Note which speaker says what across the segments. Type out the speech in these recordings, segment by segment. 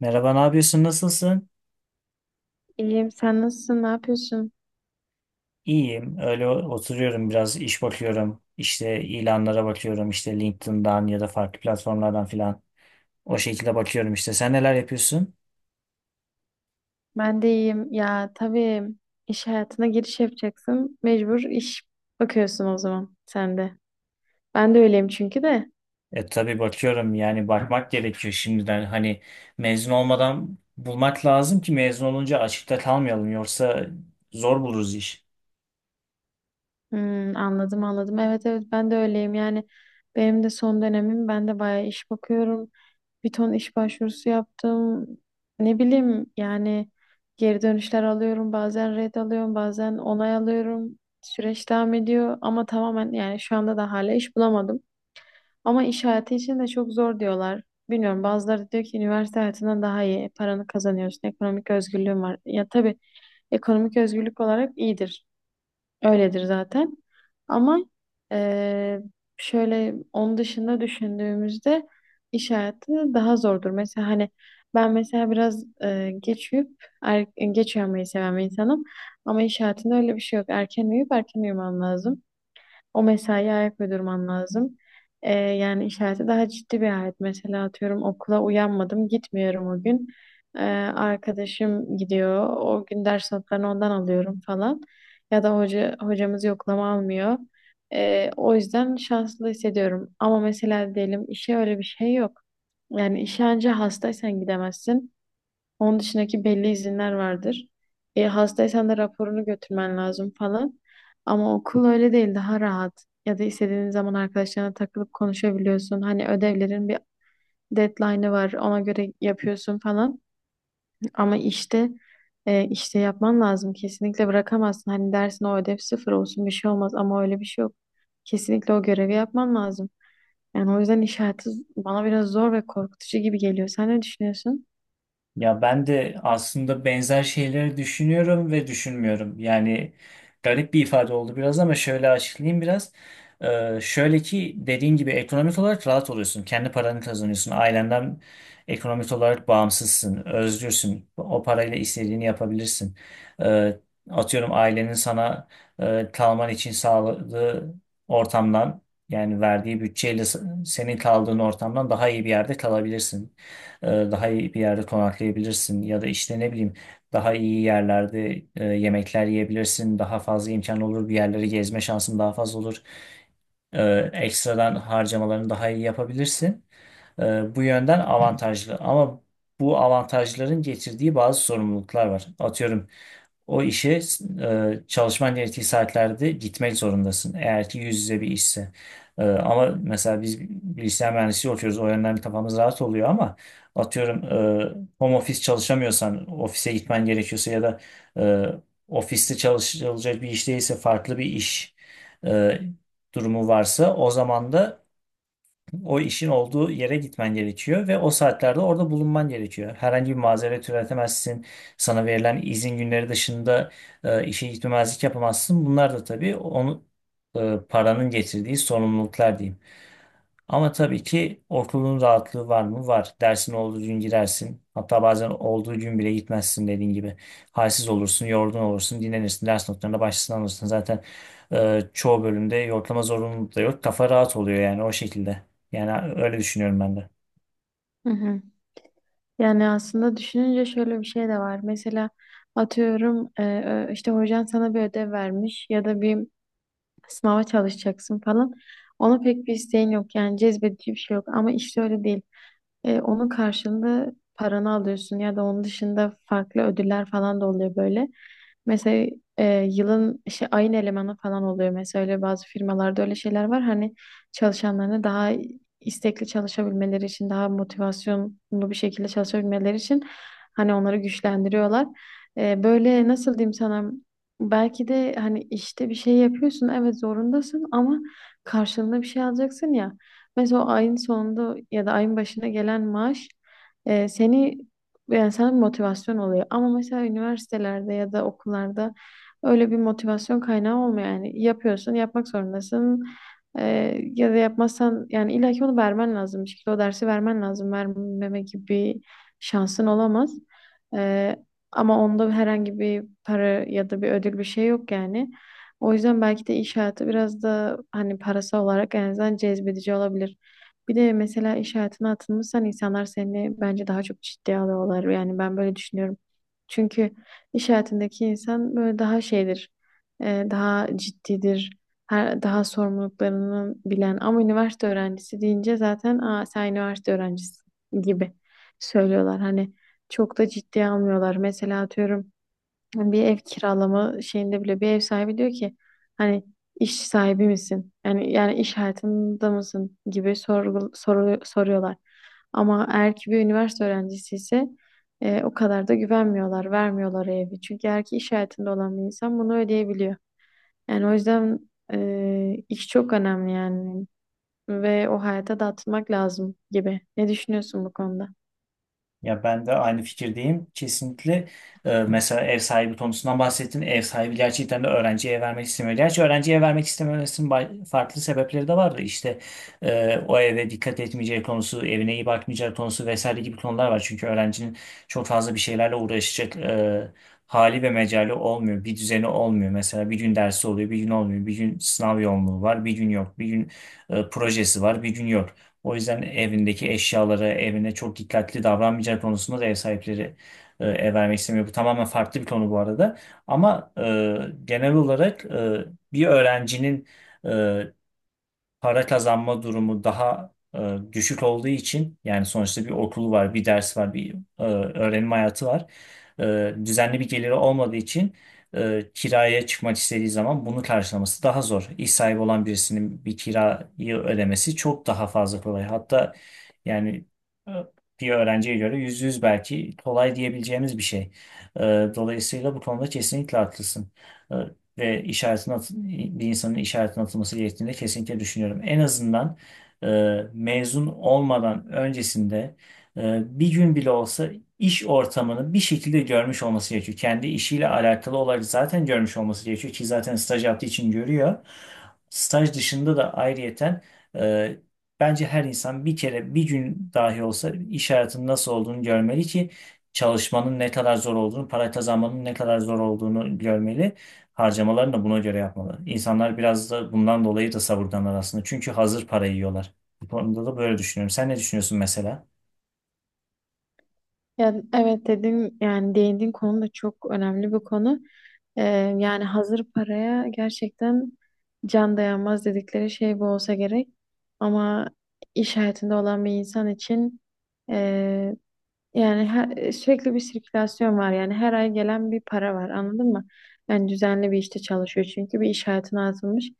Speaker 1: Merhaba, ne yapıyorsun? Nasılsın?
Speaker 2: İyiyim. Sen nasılsın? Ne yapıyorsun?
Speaker 1: İyiyim. Öyle oturuyorum biraz iş bakıyorum. İşte ilanlara bakıyorum. İşte LinkedIn'dan ya da farklı platformlardan filan. O şekilde bakıyorum işte. Sen neler yapıyorsun?
Speaker 2: Ben de iyiyim. Ya tabii iş hayatına giriş yapacaksın. Mecbur iş bakıyorsun o zaman sen de. Ben de öyleyim çünkü de.
Speaker 1: E tabii bakıyorum yani bakmak gerekiyor şimdiden. Hani mezun olmadan bulmak lazım ki mezun olunca açıkta kalmayalım. Yoksa zor buluruz iş.
Speaker 2: Hmm, anladım anladım. Evet evet ben de öyleyim. Yani benim de son dönemim. Ben de bayağı iş bakıyorum. Bir ton iş başvurusu yaptım. Ne bileyim yani geri dönüşler alıyorum. Bazen red alıyorum. Bazen onay alıyorum. Süreç devam ediyor ama tamamen yani şu anda da hala iş bulamadım. Ama iş hayatı için de çok zor diyorlar. Bilmiyorum bazıları diyor ki üniversite hayatından daha iyi paranı kazanıyorsun. Ekonomik özgürlüğün var. Ya tabii ekonomik özgürlük olarak iyidir. Öyledir zaten. Ama eee, şöyle onun dışında düşündüğümüzde iş hayatı daha zordur. Mesela hani ben mesela biraz geç uyup geç uyanmayı seven bir insanım. Ama iş hayatında öyle bir şey yok. Erken uyuyup erken uyumam lazım. O mesaiye ayak uydurman lazım. Yani işareti daha ciddi bir hayat. Mesela atıyorum okula uyanmadım, gitmiyorum o gün. Ee, arkadaşım gidiyor, o gün ders notlarını ondan alıyorum falan. Ya da hocamız yoklama almıyor. O yüzden şanslı hissediyorum. Ama mesela diyelim işe öyle bir şey yok. Yani işe anca hastaysan gidemezsin. Onun dışındaki belli izinler vardır. Hastaysan da raporunu götürmen lazım falan. Ama okul öyle değil, daha rahat. Ya da istediğin zaman arkadaşlarına takılıp konuşabiliyorsun. Hani ödevlerin bir deadline'ı var, ona göre yapıyorsun falan. Ama işte işte yapman lazım. Kesinlikle bırakamazsın. Hani dersin o ödev sıfır olsun bir şey olmaz ama öyle bir şey yok. Kesinlikle o görevi yapman lazım. Yani o yüzden iş hayatı bana biraz zor ve korkutucu gibi geliyor. Sen ne düşünüyorsun?
Speaker 1: Ya ben de aslında benzer şeyleri düşünüyorum ve düşünmüyorum. Yani garip bir ifade oldu biraz ama şöyle açıklayayım biraz. Şöyle ki dediğin gibi ekonomik olarak rahat oluyorsun. Kendi paranı kazanıyorsun. Ailenden ekonomik olarak bağımsızsın. Özgürsün. O parayla istediğini yapabilirsin. Ee, atıyorum ailenin sana kalman için sağladığı ortamdan yani verdiği bütçeyle senin kaldığın ortamdan daha iyi bir yerde kalabilirsin daha iyi bir yerde konaklayabilirsin ya da işte ne bileyim daha iyi yerlerde yemekler yiyebilirsin. Daha fazla imkan olur bir yerleri gezme şansın daha fazla olur. Ekstradan harcamalarını daha iyi yapabilirsin. Bu yönden avantajlı ama bu avantajların getirdiği bazı sorumluluklar var. Atıyorum o işe çalışman gerektiği saatlerde gitmek zorundasın. Eğer ki yüz yüze bir işse. Ama mesela biz bilgisayar mühendisliği okuyoruz. O yönden kafamız rahat oluyor ama atıyorum home office çalışamıyorsan ofise gitmen gerekiyorsa ya da e, ofiste çalışılacak bir iş değilse farklı bir iş e, durumu varsa o zaman da o işin olduğu yere gitmen gerekiyor ve o saatlerde orada bulunman gerekiyor. Herhangi bir mazeret üretemezsin. Sana verilen izin günleri dışında işe gitmemezlik yapamazsın. Bunlar da tabii onu paranın getirdiği sorumluluklar diyeyim. Ama tabii ki okulun rahatlığı var mı? Var. Dersin olduğu gün girersin. Hatta bazen olduğu gün bile gitmezsin dediğin gibi. Halsiz olursun, yorgun olursun, dinlenirsin. Ders notlarına başlasın alırsın. Zaten çoğu bölümde yoklama zorunluluğu da yok. Kafa rahat oluyor yani o şekilde. Yani öyle düşünüyorum ben de.
Speaker 2: Hı hı. Yani aslında düşününce şöyle bir şey de var. Mesela atıyorum işte hocan sana bir ödev vermiş ya da bir sınava çalışacaksın falan. Ona pek bir isteğin yok yani cezbedici bir şey yok ama işte öyle değil. Onun karşılığında paranı alıyorsun ya da onun dışında farklı ödüller falan da oluyor böyle. Mesela yılın işte ayın elemanı falan oluyor. Mesela öyle bazı firmalarda öyle şeyler var. Hani çalışanlarını daha istekli çalışabilmeleri için, daha motivasyonlu bir şekilde çalışabilmeleri için hani onları güçlendiriyorlar. Böyle nasıl diyeyim sana, belki de hani işte bir şey yapıyorsun evet zorundasın ama karşılığında bir şey alacaksın ya. Mesela o ayın sonunda ya da ayın başına gelen maaş e, seni yani sana bir motivasyon oluyor. Ama mesela üniversitelerde ya da okullarda öyle bir motivasyon kaynağı olmuyor. Yani yapıyorsun, yapmak zorundasın. Ya da yapmazsan yani illaki onu vermen lazım. Bir şekilde o dersi vermen lazım. Vermeme gibi bir şansın olamaz. Ee, ama onda herhangi bir para ya da bir ödül bir şey yok yani. O yüzden belki de iş hayatı biraz da hani parası olarak en azından cezbedici olabilir. Bir de mesela iş hayatına atılmışsan insanlar seni bence daha çok ciddiye alıyorlar. Yani ben böyle düşünüyorum. Çünkü iş hayatındaki insan böyle daha şeydir, daha ciddidir, daha sorumluluklarını bilen. Ama üniversite öğrencisi deyince zaten aa, sen üniversite öğrencisi gibi söylüyorlar. Hani çok da ciddiye almıyorlar. Mesela atıyorum. Yani bir ev kiralama şeyinde bile bir ev sahibi diyor ki hani iş sahibi misin? Yani iş hayatında mısın gibi soruyorlar. Ama eğer ki bir üniversite öğrencisi ise o kadar da güvenmiyorlar, vermiyorlar evi. Çünkü eğer ki iş hayatında olan bir insan bunu ödeyebiliyor. Yani o yüzden iş çok önemli yani ve o hayata da atılmak lazım gibi. Ne düşünüyorsun bu konuda?
Speaker 1: Ya ben de aynı fikirdeyim. Kesinlikle mesela ev sahibi konusundan bahsettin. Ev sahibi gerçekten de öğrenciye vermek istemiyor. Gerçi öğrenciye vermek istememesinin farklı sebepleri de vardı. İşte o eve dikkat etmeyeceği konusu, evine iyi bakmayacağı konusu vesaire gibi konular var. Çünkü öğrencinin çok fazla bir şeylerle uğraşacak hali ve mecali olmuyor. Bir düzeni olmuyor. Mesela bir gün dersi oluyor, bir gün olmuyor. Bir gün sınav yoğunluğu var, bir gün yok. Bir gün projesi var, bir gün yok. O yüzden evindeki eşyalara, evine çok dikkatli davranmayacağı konusunda da ev sahipleri ev vermek istemiyor. Bu tamamen farklı bir konu bu arada. Ama genel olarak bir öğrencinin e, para kazanma durumu daha düşük olduğu için yani sonuçta bir okulu var, bir ders var, bir öğrenim hayatı var. Düzenli bir geliri olmadığı için kiraya çıkmak istediği zaman bunu karşılaması daha zor. İş sahibi olan birisinin bir kirayı ödemesi çok daha fazla kolay. Hatta yani e, bir öğrenciye göre %100 belki kolay diyebileceğimiz bir şey. E, dolayısıyla bu konuda kesinlikle haklısın. E, ve bir insanın işaretin atılması gerektiğini de kesinlikle düşünüyorum. En azından e, mezun olmadan öncesinde bir gün bile olsa iş ortamını bir şekilde görmüş olması gerekiyor. Kendi işiyle alakalı olarak zaten görmüş olması gerekiyor ki zaten staj yaptığı için görüyor. Staj dışında da ayrıyeten e, bence her insan bir kere bir gün dahi olsa iş hayatının nasıl olduğunu görmeli ki çalışmanın ne kadar zor olduğunu, para kazanmanın ne kadar zor olduğunu görmeli harcamalarını da buna göre yapmalı. İnsanlar biraz da bundan dolayı da savurganlar aslında. Çünkü hazır parayı yiyorlar. Bu konuda da böyle düşünüyorum. Sen ne düşünüyorsun mesela?
Speaker 2: Yani evet dedin yani değindiğin konu da çok önemli bir konu. Ee, yani hazır paraya gerçekten can dayanmaz dedikleri şey bu olsa gerek. Ama iş hayatında olan bir insan için e, yani sürekli bir sirkülasyon var. Yani her ay gelen bir para var, anladın mı? Yani düzenli bir işte çalışıyor çünkü bir iş hayatına atılmış.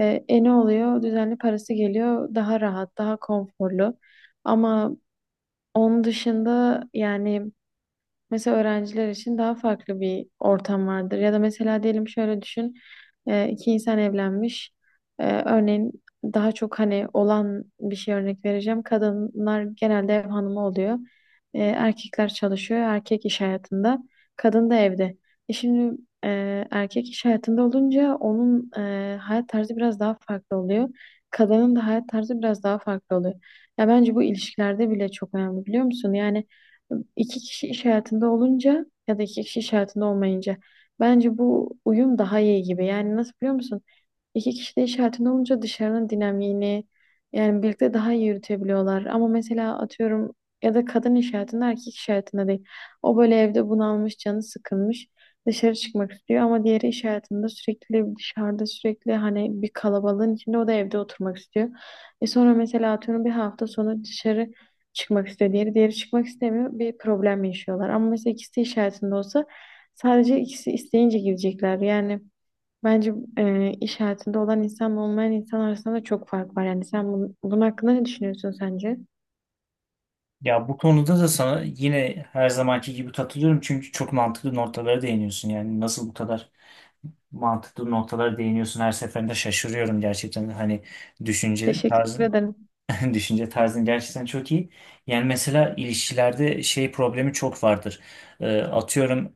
Speaker 2: Ne oluyor? Düzenli parası geliyor, daha rahat, daha konforlu. Ama onun dışında yani... Mesela öğrenciler için daha farklı bir ortam vardır. Ya da mesela diyelim şöyle düşün. İki insan evlenmiş. E, örneğin daha çok hani olan bir şey örnek vereceğim. Kadınlar genelde ev hanımı oluyor. E, erkekler çalışıyor. Erkek iş hayatında. Kadın da evde. E şimdi, e, erkek iş hayatında olunca onun hayat tarzı biraz daha farklı oluyor. Kadının da hayat tarzı biraz daha farklı oluyor. Ya bence bu ilişkilerde bile çok önemli, biliyor musun? Yani İki kişi iş hayatında olunca ya da iki kişi iş hayatında olmayınca bence bu uyum daha iyi gibi. Yani nasıl, biliyor musun? İki kişi de iş hayatında olunca dışarının dinamiğini yani birlikte daha iyi yürütebiliyorlar. Ama mesela atıyorum ya da kadın iş hayatında, erkek iş hayatında değil. O böyle evde bunalmış, canı sıkılmış. Dışarı çıkmak istiyor ama diğeri iş hayatında sürekli dışarıda, sürekli hani bir kalabalığın içinde, o da evde oturmak istiyor. E sonra mesela atıyorum bir hafta sonu dışarı çıkmak istiyor. Diğeri çıkmak istemiyor. Bir problem yaşıyorlar. Ama mesela ikisi iş hayatında olsa sadece ikisi isteyince gidecekler. Yani bence iş hayatında olan insanla olmayan insan arasında da çok fark var. Yani sen bunun hakkında ne düşünüyorsun sence?
Speaker 1: Ya bu konuda da sana yine her zamanki gibi katılıyorum. Çünkü çok mantıklı noktalara değiniyorsun. Yani nasıl bu kadar mantıklı noktalara değiniyorsun her seferinde şaşırıyorum gerçekten. Hani düşünce
Speaker 2: Teşekkür
Speaker 1: tarzın.
Speaker 2: ederim.
Speaker 1: Düşünce tarzın gerçekten çok iyi. Yani mesela ilişkilerde şey problemi çok vardır. Atıyorum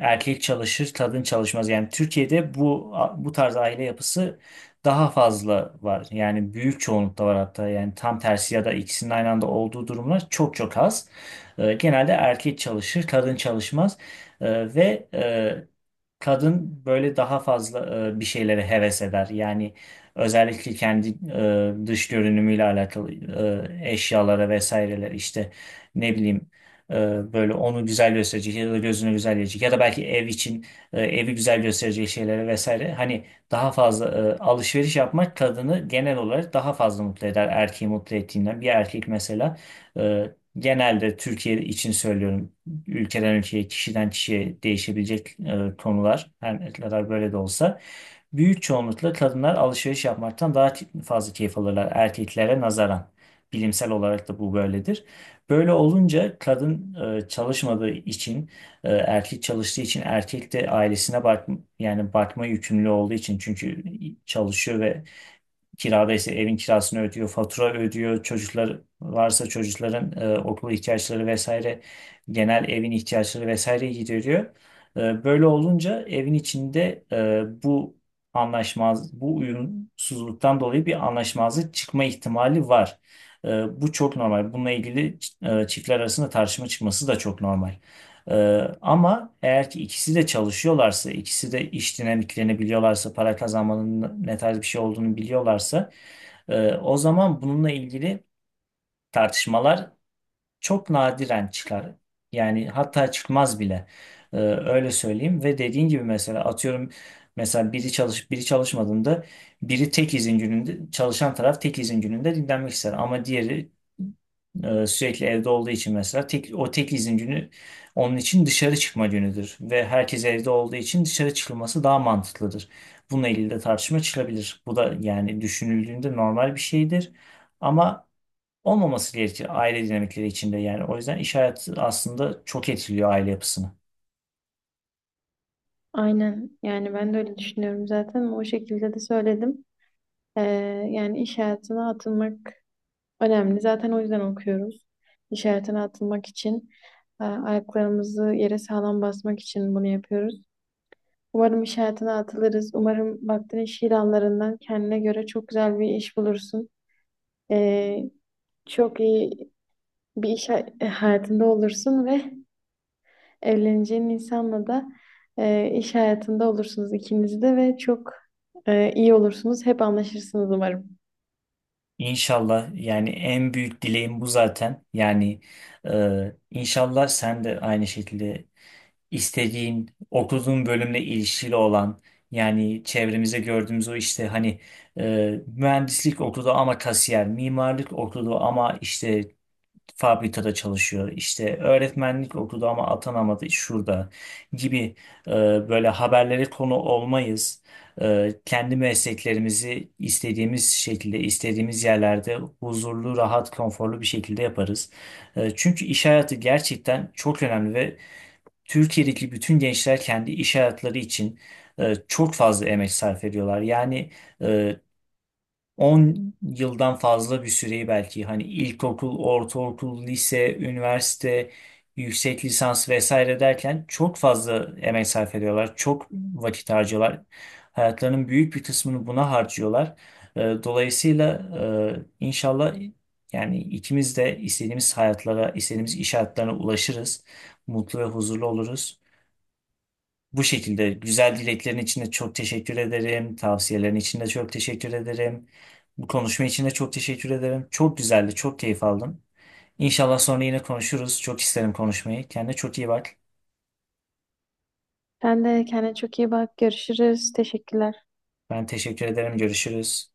Speaker 1: erkek çalışır, kadın çalışmaz. Yani Türkiye'de bu tarz aile yapısı daha fazla var. Yani büyük çoğunlukta var hatta. Yani tam tersi ya da ikisinin aynı anda olduğu durumlar çok çok az. Genelde erkek çalışır, kadın çalışmaz. Ve kadın böyle daha fazla bir şeylere heves eder. Yani özellikle kendi dış görünümüyle alakalı eşyalara vesaireler işte ne bileyim e, böyle onu güzel gösterecek ya da gözünü güzel gösterecek ya da belki ev için evi güzel gösterecek şeylere vesaire hani daha fazla alışveriş yapmak kadını genel olarak daha fazla mutlu eder erkeği mutlu ettiğinden. Bir erkek mesela e, genelde Türkiye için söylüyorum ülkeden ülkeye kişiden kişiye değişebilecek konular her ne kadar böyle de olsa. Büyük çoğunlukla kadınlar alışveriş yapmaktan daha fazla keyif alırlar erkeklere nazaran. Bilimsel olarak da bu böyledir. Böyle olunca kadın çalışmadığı için, erkek çalıştığı için, erkek de ailesine yani bakma yükümlü olduğu için çünkü çalışıyor ve kirada ise evin kirasını ödüyor, fatura ödüyor. Çocuklar varsa çocukların okul ihtiyaçları vesaire, genel evin ihtiyaçları vesaire gideriyor. Böyle olunca evin içinde bu uyumsuzluktan dolayı bir anlaşmazlık çıkma ihtimali var. E, bu çok normal. Bununla ilgili çiftler arasında tartışma çıkması da çok normal. Ee, ama eğer ki ikisi de çalışıyorlarsa, ikisi de iş dinamiklerini biliyorlarsa, para kazanmanın ne tarz bir şey olduğunu biliyorlarsa, o zaman bununla ilgili tartışmalar çok nadiren çıkar. Yani hatta çıkmaz bile. Öyle söyleyeyim ve dediğin gibi mesela atıyorum mesela biri çalışmadığında biri tek izin gününde çalışan taraf tek izin gününde dinlenmek ister ama diğeri sürekli evde olduğu için mesela o tek izin günü onun için dışarı çıkma günüdür ve herkes evde olduğu için dışarı çıkılması daha mantıklıdır. Bununla ilgili de tartışma çıkabilir. Bu da yani düşünüldüğünde normal bir şeydir. Ama olmaması gerekir aile dinamikleri içinde yani. O yüzden iş hayatı aslında çok etkiliyor aile yapısını.
Speaker 2: Aynen. Yani ben de öyle düşünüyorum zaten. O şekilde de söyledim. E, yani iş hayatına atılmak önemli. Zaten o yüzden okuyoruz. İş hayatına atılmak için, ayaklarımızı yere sağlam basmak için bunu yapıyoruz. Umarım iş hayatına atılırız. Umarım baktığın iş ilanlarından kendine göre çok güzel bir iş bulursun. Ee, çok iyi bir hayatında olursun ve evleneceğin insanla da iş hayatında olursunuz ikiniz de ve çok iyi olursunuz. Hep anlaşırsınız umarım.
Speaker 1: İnşallah yani en büyük dileğim bu zaten. Yani inşallah sen de aynı şekilde istediğin, okuduğun bölümle ilişkili olan yani çevremize gördüğümüz o işte hani mühendislik okudu ama kasiyer, mimarlık okudu ama işte fabrikada çalışıyor. İşte öğretmenlik okudu ama atanamadı şurada gibi e, böyle haberlere konu olmayız. Kendi mesleklerimizi istediğimiz şekilde, istediğimiz yerlerde huzurlu, rahat, konforlu bir şekilde yaparız. Çünkü iş hayatı gerçekten çok önemli ve Türkiye'deki bütün gençler kendi iş hayatları için çok fazla emek sarf ediyorlar. Yani e, 10 yıldan fazla bir süreyi belki hani ilkokul, ortaokul, lise, üniversite, yüksek lisans vesaire derken çok fazla emek sarf ediyorlar. Çok vakit harcıyorlar. Hayatlarının büyük bir kısmını buna harcıyorlar. Dolayısıyla inşallah yani ikimiz de istediğimiz hayatlara, istediğimiz iş hayatlarına ulaşırız. Mutlu ve huzurlu oluruz. Bu şekilde güzel dileklerin için de çok teşekkür ederim. Tavsiyelerin için de çok teşekkür ederim. Bu konuşma için de çok teşekkür ederim. Çok güzeldi, çok keyif aldım. İnşallah sonra yine konuşuruz. Çok isterim konuşmayı. Kendine çok iyi bak.
Speaker 2: Sen de kendine çok iyi bak. Görüşürüz. Teşekkürler.
Speaker 1: Ben teşekkür ederim. Görüşürüz.